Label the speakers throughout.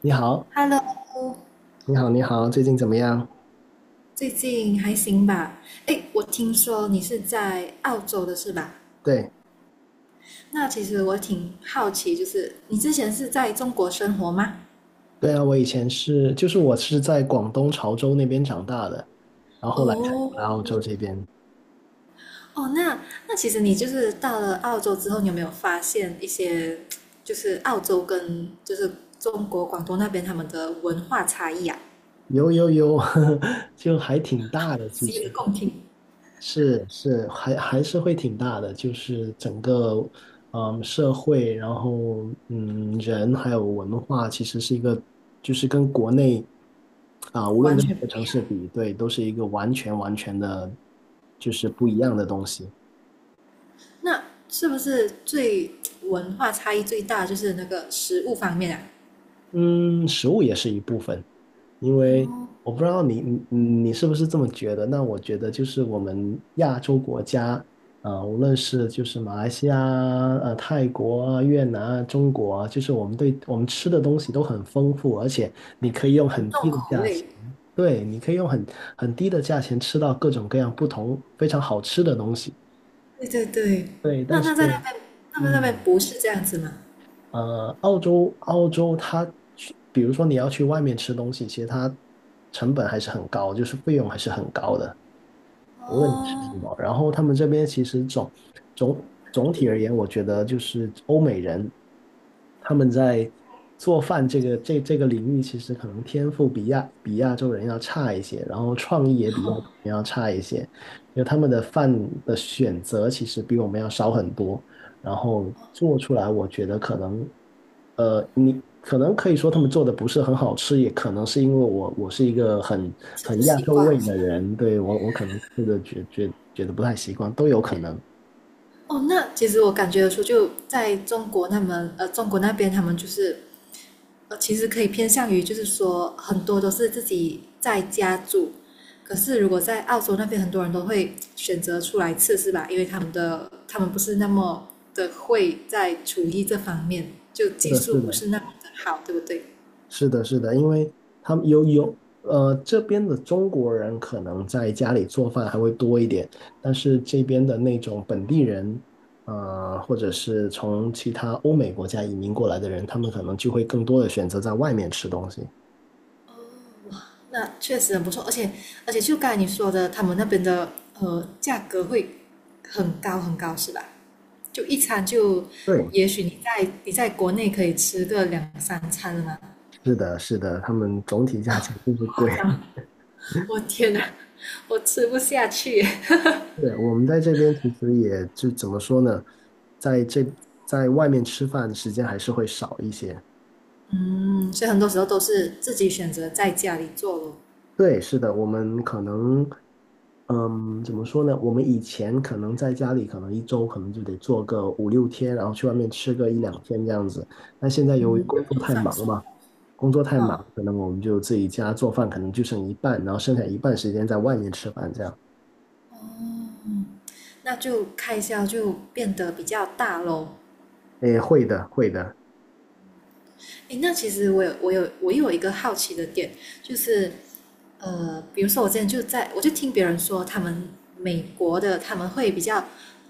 Speaker 1: 你好，
Speaker 2: Hello，
Speaker 1: 你好，你好，最近怎么样？
Speaker 2: 最近还行吧？诶，我听说你是在澳洲的是吧？
Speaker 1: 对，
Speaker 2: 那其实我挺好奇，就是你之前是在中国生活吗？
Speaker 1: 对啊，我以前是，就是我是在广东潮州那边长大的，然后后来才过来
Speaker 2: 哦，
Speaker 1: 澳洲这边。
Speaker 2: 哦，那那其实你到了澳洲之后，你有没有发现一些就是澳洲跟就是中国广东那边他们的文化差异啊？
Speaker 1: 有有有，就还挺大的，其
Speaker 2: 洗耳
Speaker 1: 实
Speaker 2: 恭听，
Speaker 1: 是是还是会挺大的，就是整个社会，然后人还有文化，其实是一个就是跟国内啊，无论
Speaker 2: 完
Speaker 1: 跟哪
Speaker 2: 全
Speaker 1: 个
Speaker 2: 不一
Speaker 1: 城
Speaker 2: 样。
Speaker 1: 市比，对，都是一个完全完全的，就是不一样的东西。
Speaker 2: 那是不是最文化差异最大就是那个食物方面啊？
Speaker 1: 嗯，食物也是一部分，因为我
Speaker 2: 哦，
Speaker 1: 不知道你你是不是这么觉得？那我觉得就是我们亚洲国家，无论是就是马来西亚啊、泰国啊、越南啊、中国啊，就是我们对我们吃的东西都很丰富，而且你可以用
Speaker 2: 很
Speaker 1: 很
Speaker 2: 重
Speaker 1: 低的
Speaker 2: 口
Speaker 1: 价钱，
Speaker 2: 味。
Speaker 1: 对，你可以用很低的价钱吃到各种各样不同非常好吃的东西。
Speaker 2: 对对对，
Speaker 1: 对，
Speaker 2: 那
Speaker 1: 但是
Speaker 2: 在那边，那边
Speaker 1: 嗯。
Speaker 2: 不是这样子吗？
Speaker 1: 澳洲它去，比如说你要去外面吃东西，其实它成本还是很高，就是费用还是很高的，无论你吃什
Speaker 2: 哦，
Speaker 1: 么。然后他们这边其实总总体而言，我觉得就是欧美人他们在做饭这个领域，其实可能天赋比亚洲人要差一些，然后创意也比亚洲人要差一些，因为他们的饭的选择其实比我们要少很多。然后做出来，我觉得可能，你可能可以说他们做的不是很好吃，也可能是因为我是一个很
Speaker 2: 是不
Speaker 1: 很亚
Speaker 2: 习
Speaker 1: 洲
Speaker 2: 惯。
Speaker 1: 胃的人，对，我可能吃的觉得不太习惯，都有可能。
Speaker 2: 哦，那其实我感觉得出，就在中国那么中国那边他们就是其实可以偏向于就是说很多都是自己在家住，可是如果在澳洲那边，很多人都会选择出来吃，是吧？因为他们不是那么的会在厨艺这方面，就
Speaker 1: 是
Speaker 2: 技
Speaker 1: 的，
Speaker 2: 术
Speaker 1: 是
Speaker 2: 不
Speaker 1: 的，
Speaker 2: 是那么的好，对不对？
Speaker 1: 是的，是的，因为他们有这边的中国人可能在家里做饭还会多一点，但是这边的那种本地人。或者是从其他欧美国家移民过来的人，他们可能就会更多的选择在外面吃东西。
Speaker 2: 那确实很不错，而且就刚才你说的，他们那边的价格会很高很高，是吧？就一餐就，
Speaker 1: 对，
Speaker 2: 也许你在国内可以吃个两三餐了嘛，
Speaker 1: 是的，是的，他们总体价钱就是
Speaker 2: 夸
Speaker 1: 贵。
Speaker 2: 张，我天哪，我吃不下去。
Speaker 1: 对，我们在这边其实也就怎么说呢，在这在外面吃饭时间还是会少一些。
Speaker 2: 嗯，所以很多时候都是自己选择在家里做咯。
Speaker 1: 对，是的，我们可能，怎么说呢？我们以前可能在家里，可能一周可能就得做个五六天，然后去外面吃个一两天这样子。但现在由于
Speaker 2: 嗯，
Speaker 1: 工作太忙嘛，工作太忙，
Speaker 2: 好，
Speaker 1: 可能我们就自己家做饭，可能就剩一半，然后剩下一半时间在外面吃饭这样。
Speaker 2: 哦，那就开销就变得比较大咯。
Speaker 1: 诶，会的，会的。
Speaker 2: 诶，那其实我有一个好奇的点，就是比如说我之前就在我就听别人说，他们美国的他们会比较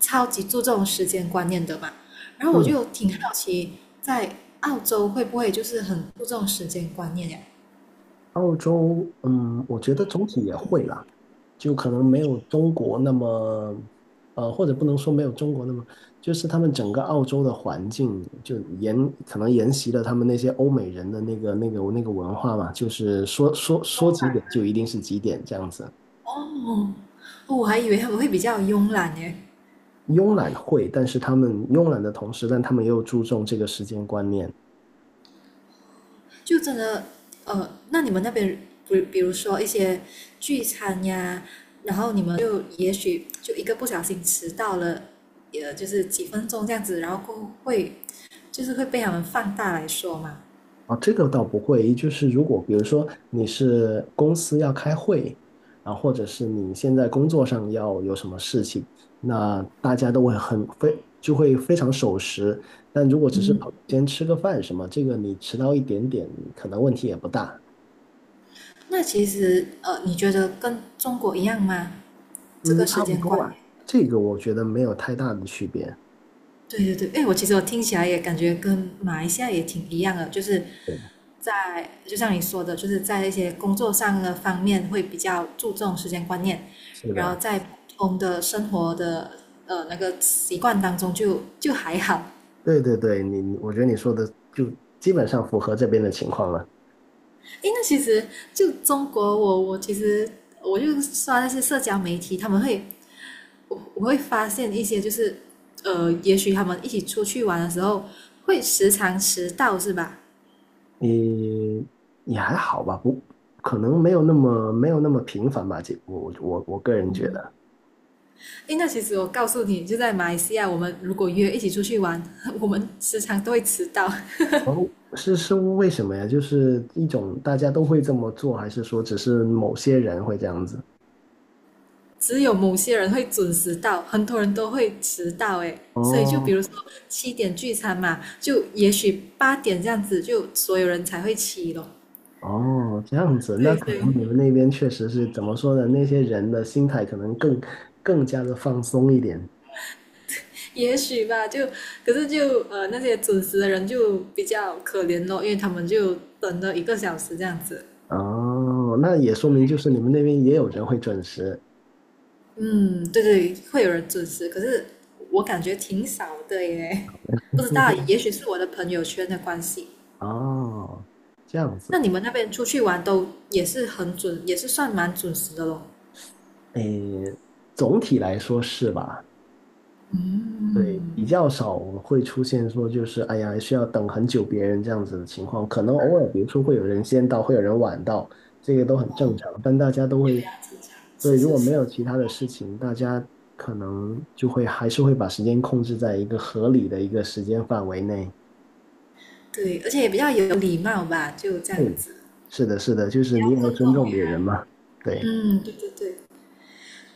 Speaker 2: 超级注重时间观念的嘛，然后我
Speaker 1: 嗯，
Speaker 2: 就挺好奇，在澳洲会不会就是很注重时间观念呀？
Speaker 1: 澳洲，我觉得总体也会啦，就可能没有中国那么，或者不能说没有中国那么，就是他们整个澳洲的环境可能沿袭了他们那些欧美人的那个文化嘛，就是说几点就一定是几点这样子。
Speaker 2: 哦，哦我还以为他们会比较慵懒耶。
Speaker 1: 慵懒会，但是他们慵懒的同时，但他们又注重这个时间观念，
Speaker 2: 就真的那你们那边比如说一些聚餐呀，然后你们就也许就一个不小心迟到了，就是几分钟这样子，然后会就是会被他们放大来说嘛。
Speaker 1: 啊，这个倒不会，就是如果比如说你是公司要开会，啊，或者是你现在工作上要有什么事情，那大家都会很非就会非常守时。但如果只是跑先吃个饭什么，这个你迟到一点点，可能问题也不大。
Speaker 2: 那其实你觉得跟中国一样吗？这个
Speaker 1: 嗯，
Speaker 2: 时
Speaker 1: 差不
Speaker 2: 间
Speaker 1: 多
Speaker 2: 观
Speaker 1: 吧，
Speaker 2: 念？
Speaker 1: 这个我觉得没有太大的区别。
Speaker 2: 对对对，哎，我其实我听起来也感觉跟马来西亚也挺一样的，就是
Speaker 1: 对的，
Speaker 2: 在就像你说的，就是在一些工作上的方面会比较注重时间观念，
Speaker 1: 是
Speaker 2: 然后
Speaker 1: 的，
Speaker 2: 在普通的生活的那个习惯当中就还好。
Speaker 1: 对对对，我觉得你说的就基本上符合这边的情况了。
Speaker 2: 哎，那其实就中国我，我其实我就刷那些社交媒体，他们会我会发现一些就是也许他们一起出去玩的时候会时常迟到，是吧？
Speaker 1: 你也还好吧，不，可能没有那么频繁吧，这我个人觉得。
Speaker 2: 诶，那其实我告诉你，就在马来西亚，我们如果约一起出去玩，我们时常都会迟到，
Speaker 1: 然后是为什么呀？就是一种大家都会这么做，还是说只是某些人会这样子？
Speaker 2: 只有某些人会准时到，很多人都会迟到。诶，所以就比
Speaker 1: 哦
Speaker 2: 如说7点聚餐嘛，就也许8点这样子，就所有人才会起咯。
Speaker 1: 哦，这样子，那
Speaker 2: 对
Speaker 1: 可
Speaker 2: 对，
Speaker 1: 能你们那边确实是怎么说呢？那些人的心态可能更加的放松一点。
Speaker 2: 也许吧，就可是就那些准时的人就比较可怜咯，因为他们就等了1个小时这样子。
Speaker 1: 哦，那也说明就是你们那边也有人会准时。
Speaker 2: 嗯，对对，会有人准时，可是我感觉挺少的耶，不知道，也许是我的朋友圈的关系。
Speaker 1: 哦，这样
Speaker 2: 那
Speaker 1: 子，
Speaker 2: 你们那边出去玩都也是很准，也是算蛮准时的咯。
Speaker 1: 诶，总体来说是吧？对，
Speaker 2: 嗯，
Speaker 1: 比较少会出现说就是哎呀需要等很久别人这样子的情况，可能偶尔比如说会有人先到，会有人晚到，这个都很正常，但大家都
Speaker 2: 比较
Speaker 1: 会，
Speaker 2: 正常。
Speaker 1: 对，
Speaker 2: 是
Speaker 1: 如
Speaker 2: 是
Speaker 1: 果没
Speaker 2: 是，
Speaker 1: 有其他的事情，大家可能就会还是会把时间控制在一个合理的一个时间范围内。
Speaker 2: 对，而且也比较有礼貌吧，就这样
Speaker 1: 对，
Speaker 2: 子。
Speaker 1: 是的，是的，就是你也要尊重别人嘛。对。
Speaker 2: 嗯，对对对，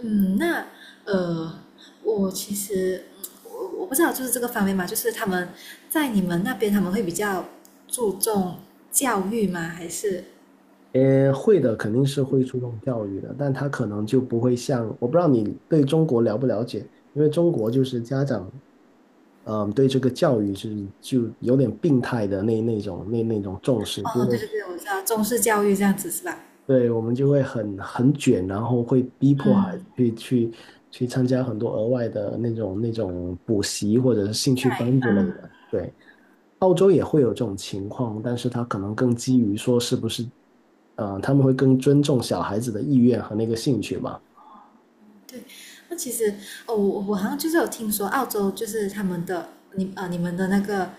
Speaker 2: 嗯，那呃，我其实我我不知道，就是这个方面嘛，就是他们在你们那边他们会比较注重教育吗？还是
Speaker 1: 会的，肯定是会注重教育的，但他可能就不会像，我不知道你对中国了不了解，因为中国就是家长，对这个教育是就有点病态的那种重视，
Speaker 2: 哦，对对对，我知道中式教育这样子是吧？
Speaker 1: 对，我们就会很卷，然后会逼迫孩子
Speaker 2: 嗯，
Speaker 1: 去参加很多额外的那种补习或者是兴趣班之类
Speaker 2: 嗯，
Speaker 1: 的，对。澳洲也会有这种情况，但是他可能更基于说是不是，他们会更尊重小孩子的意愿和那个兴趣嘛？
Speaker 2: 对。那其实哦，我我好像就是有听说澳洲就是他们的你啊、你们的那个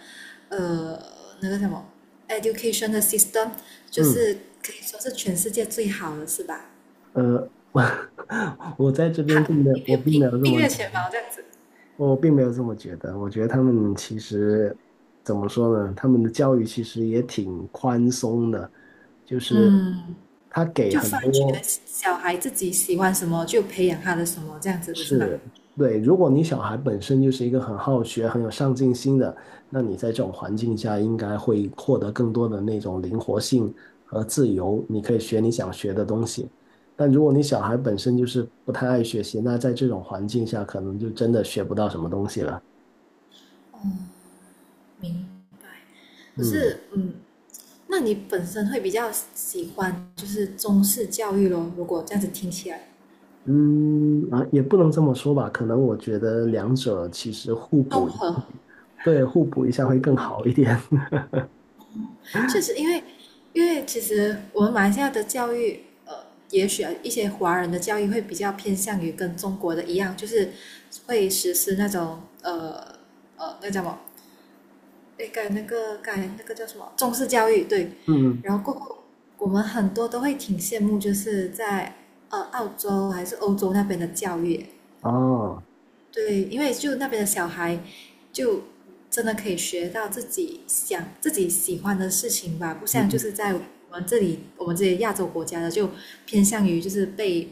Speaker 2: 呃那个什么 education 的 system，就
Speaker 1: 嗯，
Speaker 2: 是可以说是全世界最好的是吧？
Speaker 1: 我 我在这边
Speaker 2: 排
Speaker 1: 并没有，我并没有这
Speaker 2: 并
Speaker 1: 么
Speaker 2: 列
Speaker 1: 觉
Speaker 2: 前
Speaker 1: 得，
Speaker 2: 茅这样子，
Speaker 1: 我并没有这么觉得。我觉得他们其实怎么说呢？他们的教育其实也挺宽松的，就是
Speaker 2: 嗯，
Speaker 1: 他给
Speaker 2: 就
Speaker 1: 很
Speaker 2: 发觉
Speaker 1: 多。
Speaker 2: 小孩自己喜欢什么，就培养他的什么这样子，不是吗？
Speaker 1: 是，对，如果你小孩本身就是一个很好学、很有上进心的，那你在这种环境下应该会获得更多的那种灵活性和自由，你可以学你想学的东西。但如果你小孩本身就是不太爱学习，那在这种环境下可能就真的学不到什么东西了。
Speaker 2: 明白。可
Speaker 1: 嗯
Speaker 2: 是，嗯，那你本身会比较喜欢就是中式教育咯？如果这样子听起来，
Speaker 1: 嗯啊，也不能这么说吧，可能我觉得两者其实互补
Speaker 2: 综
Speaker 1: 一下，
Speaker 2: 合
Speaker 1: 对，互补一下会更好一点。
Speaker 2: 确实，因为其实我们马来西亚的教育，也许一些华人的教育会比较偏向于跟中国的一样，就是会实施那种那叫什么？那改那个改那个叫什么中式教育对，
Speaker 1: 嗯，
Speaker 2: 然后过后我们很多都会挺羡慕，就是在澳洲还是欧洲那边的教育，
Speaker 1: 哦。
Speaker 2: 对，因为就那边的小孩，就真的可以学到自己想、自己喜欢的事情吧，不像就
Speaker 1: 嗯
Speaker 2: 是在我们这里，我们这些亚洲国家的就偏向于就是被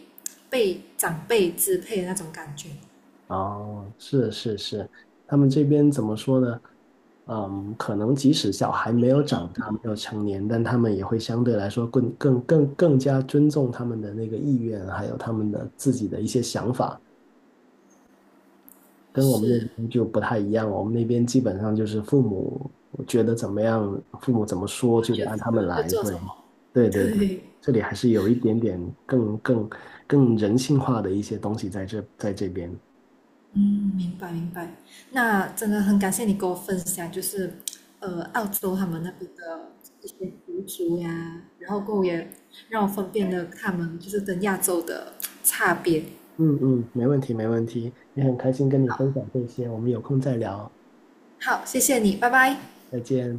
Speaker 2: 长辈支配的那种感觉。
Speaker 1: 哦，是是是，他们这边怎么说呢？可能即使小孩没有长大，没有成年，但他们也会相对来说更加尊重他们的那个意愿，还有他们的自己的一些想法，跟我们那
Speaker 2: 是，
Speaker 1: 边就不太一样。我们那边基本上就是父母觉得怎么样，父母怎么说就得按他
Speaker 2: 我
Speaker 1: 们
Speaker 2: 们就
Speaker 1: 来。
Speaker 2: 做什
Speaker 1: 对，
Speaker 2: 么？
Speaker 1: 对 对对，
Speaker 2: 对，
Speaker 1: 这里还是有一点点更更更人性化的一些东西在这边。
Speaker 2: 嗯，明白明白。那真的很感谢你跟我分享，就是澳洲他们那边的一些习俗呀，然后跟我也让我分辨了他们就是跟亚洲的差别。
Speaker 1: 嗯嗯，没问题没问题，也很开心跟你分享这些，我们有空再聊，
Speaker 2: 好，谢谢你，拜拜。
Speaker 1: 再见。